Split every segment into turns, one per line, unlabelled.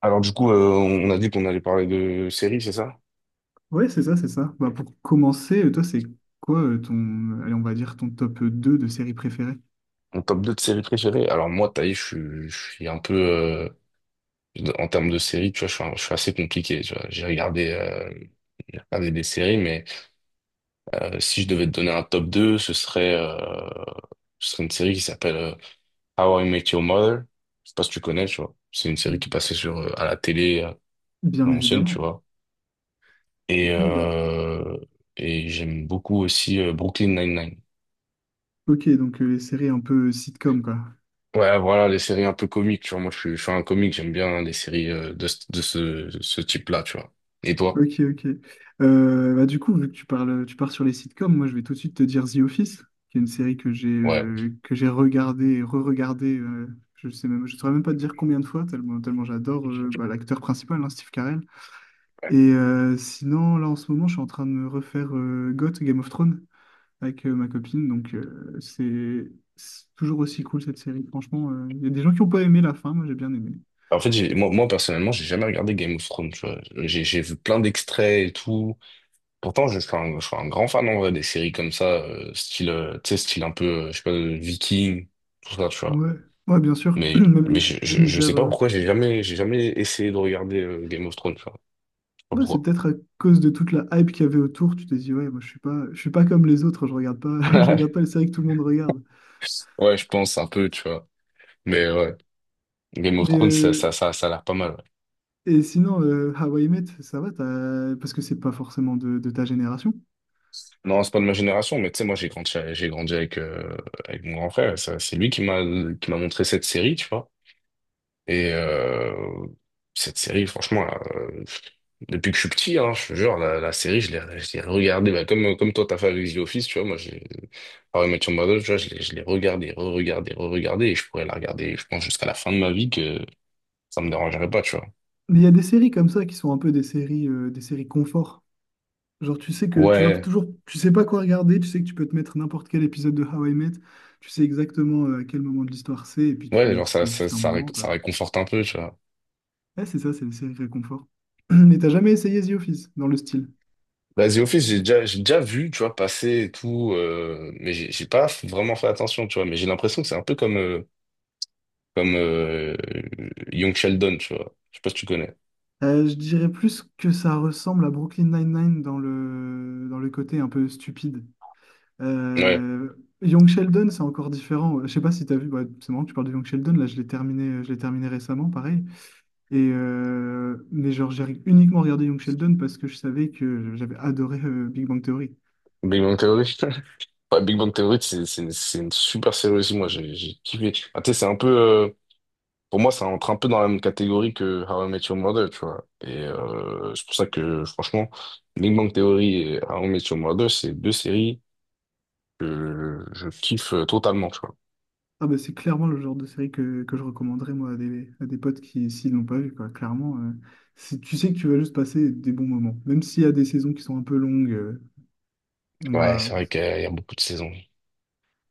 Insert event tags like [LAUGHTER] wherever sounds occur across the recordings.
Alors du coup, on a dit qu'on allait parler de séries, c'est ça?
Ouais, c'est ça, c'est ça. Bah, pour commencer, toi, c'est quoi ton, allez, on va dire ton top deux de séries préférées?
Mon top 2 de séries préférées. Alors moi, Taï, je suis un peu... en termes de séries, tu vois, je suis assez compliqué. Tu vois. J'ai regardé des séries, mais si je devais te donner un top 2, ce serait une série qui s'appelle How I Met Your Mother. Je sais pas si tu connais, tu vois. C'est une série qui passait sur, à la télé, à
Bien
l'ancienne, tu
évidemment.
vois. Et,
Non, bien.
j'aime beaucoup aussi Brooklyn Nine-Nine.
Ok, donc les séries un peu sitcom, quoi.
Ouais, voilà, les séries un peu comiques, tu vois. Moi, je suis un comique, j'aime bien les séries de ce type-là, tu vois. Et toi?
Ok, ok. Du coup, vu que tu parles, tu pars sur les sitcoms, moi je vais tout de suite te dire The Office, qui est une série
Ouais.
que j'ai regardée et re-regardée. Je saurais même pas te dire combien de fois, tellement, tellement j'adore bah, l'acteur principal, hein, Steve Carell.
Ouais.
Et sinon, là en ce moment, je suis en train de me refaire GOT, Game of Thrones, avec ma copine. Donc c'est toujours aussi cool cette série. Franchement, il y a des gens qui n'ont pas aimé la fin, moi j'ai bien aimé.
En fait, moi, personnellement, j'ai jamais regardé Game of Thrones, tu vois. J'ai vu plein d'extraits et tout. Pourtant, je suis un grand fan, en vrai, des séries comme ça, style, tu sais, style un peu, je sais pas, Viking, tout ça, tu vois.
Ouais, ouais, bien sûr. [CLEARS THROAT]
Mais
Même
je
l'univers.
sais pas pourquoi j'ai jamais essayé de regarder Game of Thrones, tu vois. Je sais pas
Ouais, c'est
pourquoi.
peut-être à cause de toute la hype qu'il y avait autour, tu t'es dit, ouais, moi je suis pas comme les autres, je regarde pas, [LAUGHS] je regarde pas les
[LAUGHS]
séries que tout le monde regarde.
Ouais, je pense un peu, tu vois. Mais ouais. Game of
Mais
Thrones,
euh,
ça a l'air pas mal. Ouais.
et sinon, How I Met, ça va, parce que c'est pas forcément de ta génération.
Non, c'est pas de ma génération, mais tu sais, moi, j'ai grandi avec, avec mon grand frère. C'est lui qui m'a montré cette série, tu vois. Et euh, cette série, franchement, là, depuis que je suis petit, hein, je te jure, la série, je l'ai regardée. Bah, comme toi, t'as fait avec The Office, tu vois. How I Met Your Mother, tu vois, je l'ai regardée, re-regardée, re-regardée. Et je pourrais la regarder, je pense, jusqu'à la fin de ma vie que ça me dérangerait pas, tu vois.
Mais il y a des séries comme ça qui sont un peu des séries confort. Genre,
Ouais,
tu sais pas quoi regarder, tu sais que tu peux te mettre n'importe quel épisode de How I Met, tu sais exactement à quel moment de l'histoire c'est, et puis
ouais, genre,
tu passes juste un bon moment,
ça
quoi.
réconforte un peu, tu vois.
Ouais, c'est ça, c'est les séries réconfort. [CLEARS THROAT] Mais t'as jamais essayé The Office dans le style?
Bah, The Office, j'ai déjà vu, tu vois, passer et tout, mais j'ai pas f- vraiment fait attention, tu vois, mais j'ai l'impression que c'est un peu comme Young Sheldon, tu vois. Je sais pas si tu connais.
Je dirais plus que ça ressemble à Brooklyn Nine-Nine dans dans le côté un peu stupide.
Ouais.
Euh, Young Sheldon, c'est encore différent. Je sais pas si tu as vu, bah, c'est marrant que tu parles de Young Sheldon, là je l'ai terminé récemment, pareil. Et, mais genre j'ai uniquement regardé Young Sheldon parce que je savais que j'avais adoré Big Bang Theory.
Big Bang Theory. [LAUGHS] Ouais, Big Bang Theory, c'est une super série aussi, moi, j'ai kiffé. Ah, tu sais, c'est un peu, pour moi, ça entre un peu dans la même catégorie que How I Met Your Mother, tu vois. Et c'est pour ça que, franchement, Big Bang Theory et How I Met Your Mother, c'est deux séries que je kiffe totalement, tu vois.
Ah bah c'est clairement le genre de série que je recommanderais moi à des potes qui, s'ils l'ont pas vu, quoi. Clairement, c'est- tu sais que tu vas juste passer des bons moments. Même s'il y a des saisons qui sont un peu longues, on
Ouais,
va,
c'est vrai qu'il y a beaucoup de saisons.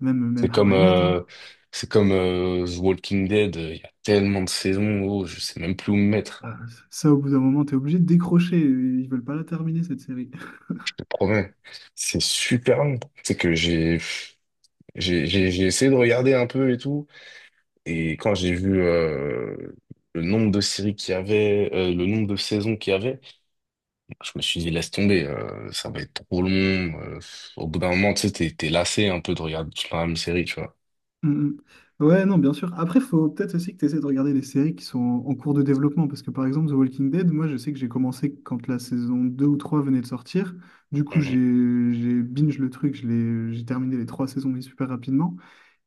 même,
C'est
même How
comme,
I Met,
euh,
hein.
c'est comme The Walking Dead. Il y a tellement de saisons, oh, je sais même plus où me mettre.
Ah, ça, au bout d'un moment, t'es obligé de décrocher. Ils veulent pas la terminer, cette série. [LAUGHS]
Je te promets, c'est super long. C'est que j'ai essayé de regarder un peu et tout, et quand j'ai vu le nombre de séries qu'il y avait, le nombre de saisons qu'il y avait, je me suis dit laisse tomber, ça va être trop long. Au bout d'un moment, tu sais, t'es lassé un peu de regarder toujours la même série, tu vois.
Mm, mm. Ouais, non, bien sûr. Après, faut peut-être aussi que tu essaies de regarder les séries qui sont en cours de développement. Parce que, par exemple, The Walking Dead, moi, je sais que j'ai commencé quand la saison 2 ou 3 venait de sortir. Du coup,
Mhm.
j'ai binge le truc. J'ai terminé les trois saisons, mais super rapidement.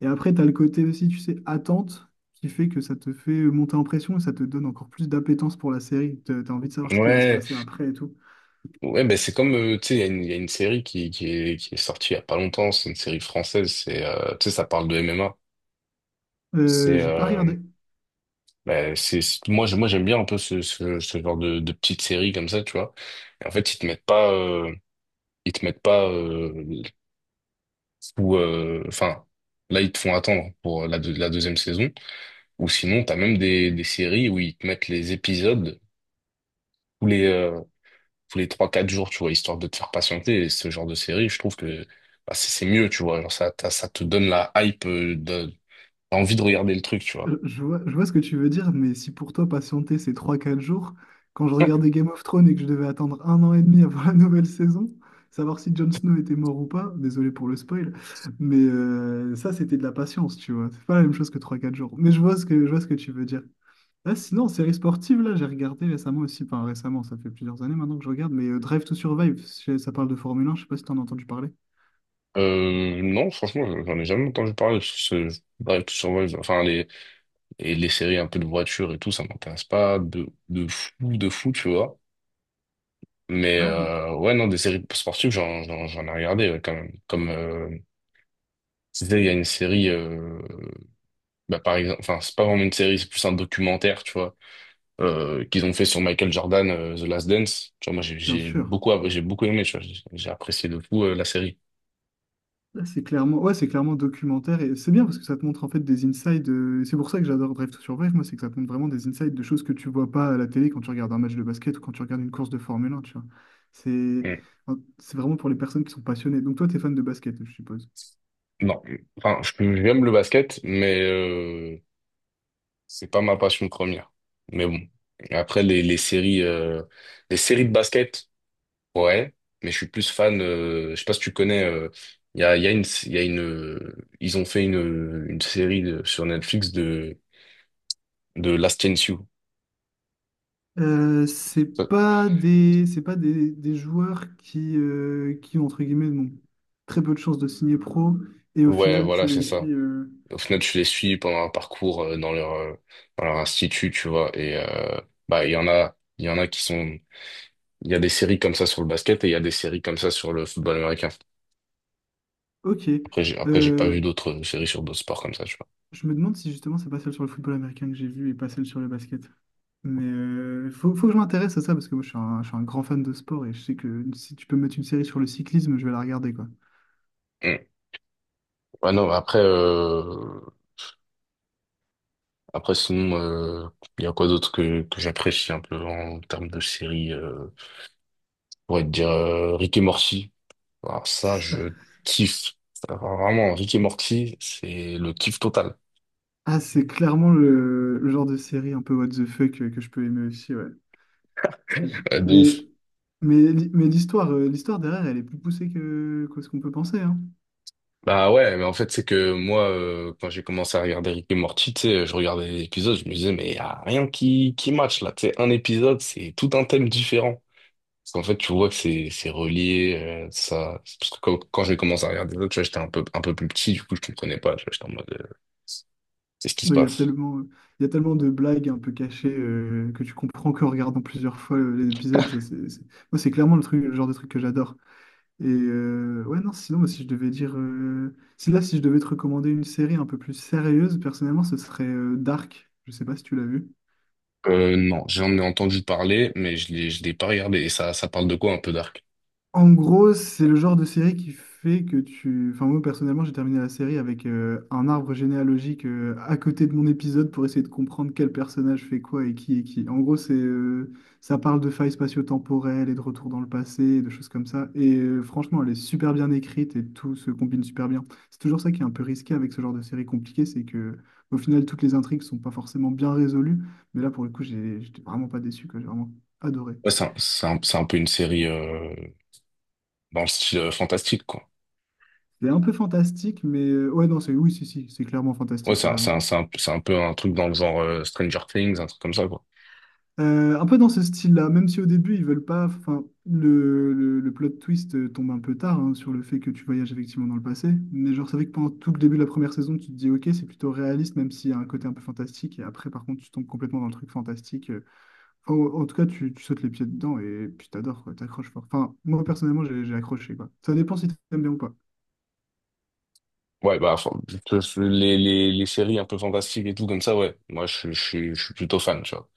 Et après, tu as le côté aussi, tu sais, attente, qui fait que ça te fait monter en pression et ça te donne encore plus d'appétence pour la série. Tu as envie de savoir ce qui va se
Ouais,
passer après et tout.
ouais, ben c'est comme, tu sais, il y a une série qui est sortie il y a pas longtemps, c'est une série française, c'est, tu sais, ça parle de MMA. C'est,
J'ai pas regardé.
ben, moi j'aime bien un peu ce genre de petite série comme ça, tu vois. Et en fait, ils te mettent pas, ils te mettent pas, ou, enfin, là, ils te font attendre pour la deuxième saison, ou sinon, t'as même des séries où ils te mettent les épisodes, tous les, euh, tous les trois quatre jours, tu vois, histoire de te faire patienter. Et ce genre de série, je trouve que bah, c'est mieux, tu vois. Genre, ça te donne la hype, t'as envie de regarder le truc, tu vois.
Je vois ce que tu veux dire, mais si pour toi patienter c'est trois quatre jours, quand je regardais Game of Thrones et que je devais attendre un an et demi [LAUGHS] avant la nouvelle saison, savoir si Jon Snow était mort ou pas, désolé pour le spoil, mais ça c'était de la patience, tu vois. C'est pas la même chose que trois quatre jours. Mais je vois ce que, je vois ce que tu veux dire. Ah, sinon, série sportive, là, j'ai regardé récemment aussi, enfin récemment, ça fait plusieurs années maintenant que je regarde mais Drive to Survive ça parle de Formule un, je sais pas si t'en as entendu parler.
Non, franchement, j'en ai jamais entendu parler. Drive to Survive, enfin, les séries un peu de voiture et tout, ça m'intéresse pas de fou, de fou, tu vois. Mais
Ouais,
ouais, non, des séries sportives, j'en ai regardé ouais, quand même. Comme, tu sais, il y a une série, bah, par exemple, enfin, c'est pas vraiment une série, c'est plus un documentaire, tu vois. Qu'ils ont fait sur Michael Jordan, The Last Dance. Tu vois, moi,
bien sûr.
j'ai beaucoup aimé, tu vois, j'ai apprécié de fou, la série.
Là, c'est clairement, ouais, c'est clairement documentaire et c'est bien parce que ça te montre en fait des insides. C'est pour ça que j'adore Drive to Survive, moi, c'est que ça te montre vraiment des insides de choses que tu vois pas à la télé quand tu regardes un match de basket ou quand tu regardes une course de Formule 1, tu vois. C'est,
Mm.
c'est vraiment pour les personnes qui sont passionnées. Donc toi, tu es fan de basket, je suppose.
Non, enfin, j'aime le basket, mais c'est pas ma passion première. Mais bon, après, les séries de basket, ouais, mais je suis plus fan, je sais pas si tu connais, il y a une, ils ont fait une série sur Netflix de Last Chance You. Ça-
C'est pas des, des joueurs qui, entre guillemets, n'ont très peu de chances de signer pro et au
Ouais,
final,
voilà,
tu
c'est
les
ça.
suis.
Au final, tu les suis pendant un parcours dans leur institut, tu vois. Et bah, il y en a il y a des séries comme ça sur le basket et il y a des séries comme ça sur le football américain.
Ok.
Après, j'ai pas vu
Euh,
d'autres séries sur d'autres sports comme ça, tu vois.
Je me demande si justement c'est pas celle sur le football américain que j'ai vue et pas celle sur le basket. Mais faut que je m'intéresse à ça parce que moi je suis un grand fan de sport et je sais que si tu peux me mettre une série sur le cyclisme, je vais la regarder quoi.
Mm. Ouais, non, mais après, sinon, il y a quoi d'autre que j'apprécie un peu en termes de séries, je pourrais te dire, Rick et Morty. Alors ça, je kiffe. Ça, vraiment, Rick et Morty, c'est le kiff total.
Ah, c'est clairement le genre de série un peu what the fuck que je peux aimer aussi, ouais. Je-
Ouais, de
mais
ouf.
mais l'histoire l'histoire derrière, elle est plus poussée que ce qu'on peut penser, hein.
Bah ouais, mais en fait, c'est que moi, quand j'ai commencé à regarder Rick et Morty, tu sais, je regardais les épisodes, je me disais, mais y a rien qui match là. Tu sais, un épisode, c'est tout un thème différent. Parce qu'en fait, tu vois que c'est relié, ça. C'est parce que quand j'ai commencé à regarder les autres, tu vois, un peu plus petit, du coup, je comprenais pas, tu vois, j'étais en mode, c'est ce qui se
Bah Il y a
passe.
tellement, il y a tellement de blagues un peu cachées que tu comprends qu'en regardant plusieurs fois les épisodes, c'est- moi, c'est clairement le truc, le genre de truc que j'adore. Et ouais, non, sinon, moi, si je devais dire. Si là, si je devais te recommander une série un peu plus sérieuse, personnellement, ce serait Dark. Je sais pas si tu l'as vu.
Non, j'en ai entendu parler, mais je l'ai pas regardé. Et ça parle de quoi un peu Dark?
En gros, c'est le genre de série qui fait que tu... Enfin, moi, personnellement, j'ai terminé la série avec un arbre généalogique à côté de mon épisode pour essayer de comprendre quel personnage fait quoi et qui est qui. En gros, ça parle de failles spatio-temporelles et de retour dans le passé, et de choses comme ça. Et franchement, elle est super bien écrite et tout se combine super bien. C'est toujours ça qui est un peu risqué avec ce genre de série compliquée, c'est que au final, toutes les intrigues sont pas forcément bien résolues. Mais là, pour le coup, j'étais vraiment pas déçu, quoi. J'ai vraiment adoré.
Ouais, c'est un peu une série, dans le style fantastique, quoi.
C'est un peu fantastique, mais ouais, non, c'est oui, si, si, c'est clairement
Ouais,
fantastique, t'as raison.
c'est un peu un truc dans le genre Stranger Things, un truc comme ça, quoi.
Un peu dans ce style-là, même si au début ils veulent pas. Enfin, le plot twist tombe un peu tard hein, sur le fait que tu voyages effectivement dans le passé. Mais genre, c'est vrai que pendant tout le début de la première saison, tu te dis, ok, c'est plutôt réaliste, même s'il y a un côté un peu fantastique. Et après, par contre, tu tombes complètement dans le truc fantastique. Enfin, en tout cas, tu sautes les pieds dedans et puis t'adores, quoi, t'accroches fort. Enfin, moi personnellement, j'ai accroché, quoi. Ça dépend si t'aimes bien ou pas.
Ouais, bah, enfin, les séries un peu fantastiques et tout comme ça, ouais. Moi, je suis plutôt fan, tu vois.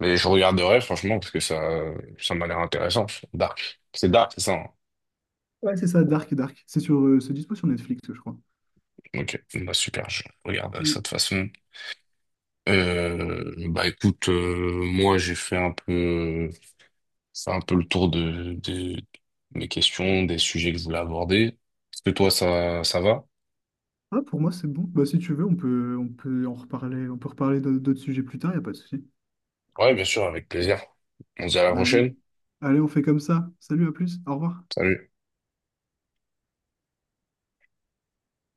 Mais je regarderai, franchement, parce que ça m'a l'air intéressant. Dark. C'est Dark, c'est ça, hein?
Ouais, c'est ça, Dark et Dark. C'est sur, c'est dispo sur Netflix, je crois.
Ok, bah, super, je regarde ça de toute façon. Bah, écoute, moi, j'ai fait un peu le tour de mes questions, des sujets que je voulais aborder. Est-ce que toi, ça va?
Ah, pour moi, c'est bon. Bah, si tu veux, on peut en reparler, on peut reparler d'autres sujets plus tard, y a pas de souci.
Ouais, bien sûr, avec plaisir. On se dit à la
Allez,
prochaine.
allez, on fait comme ça. Salut, à plus, au revoir.
Salut.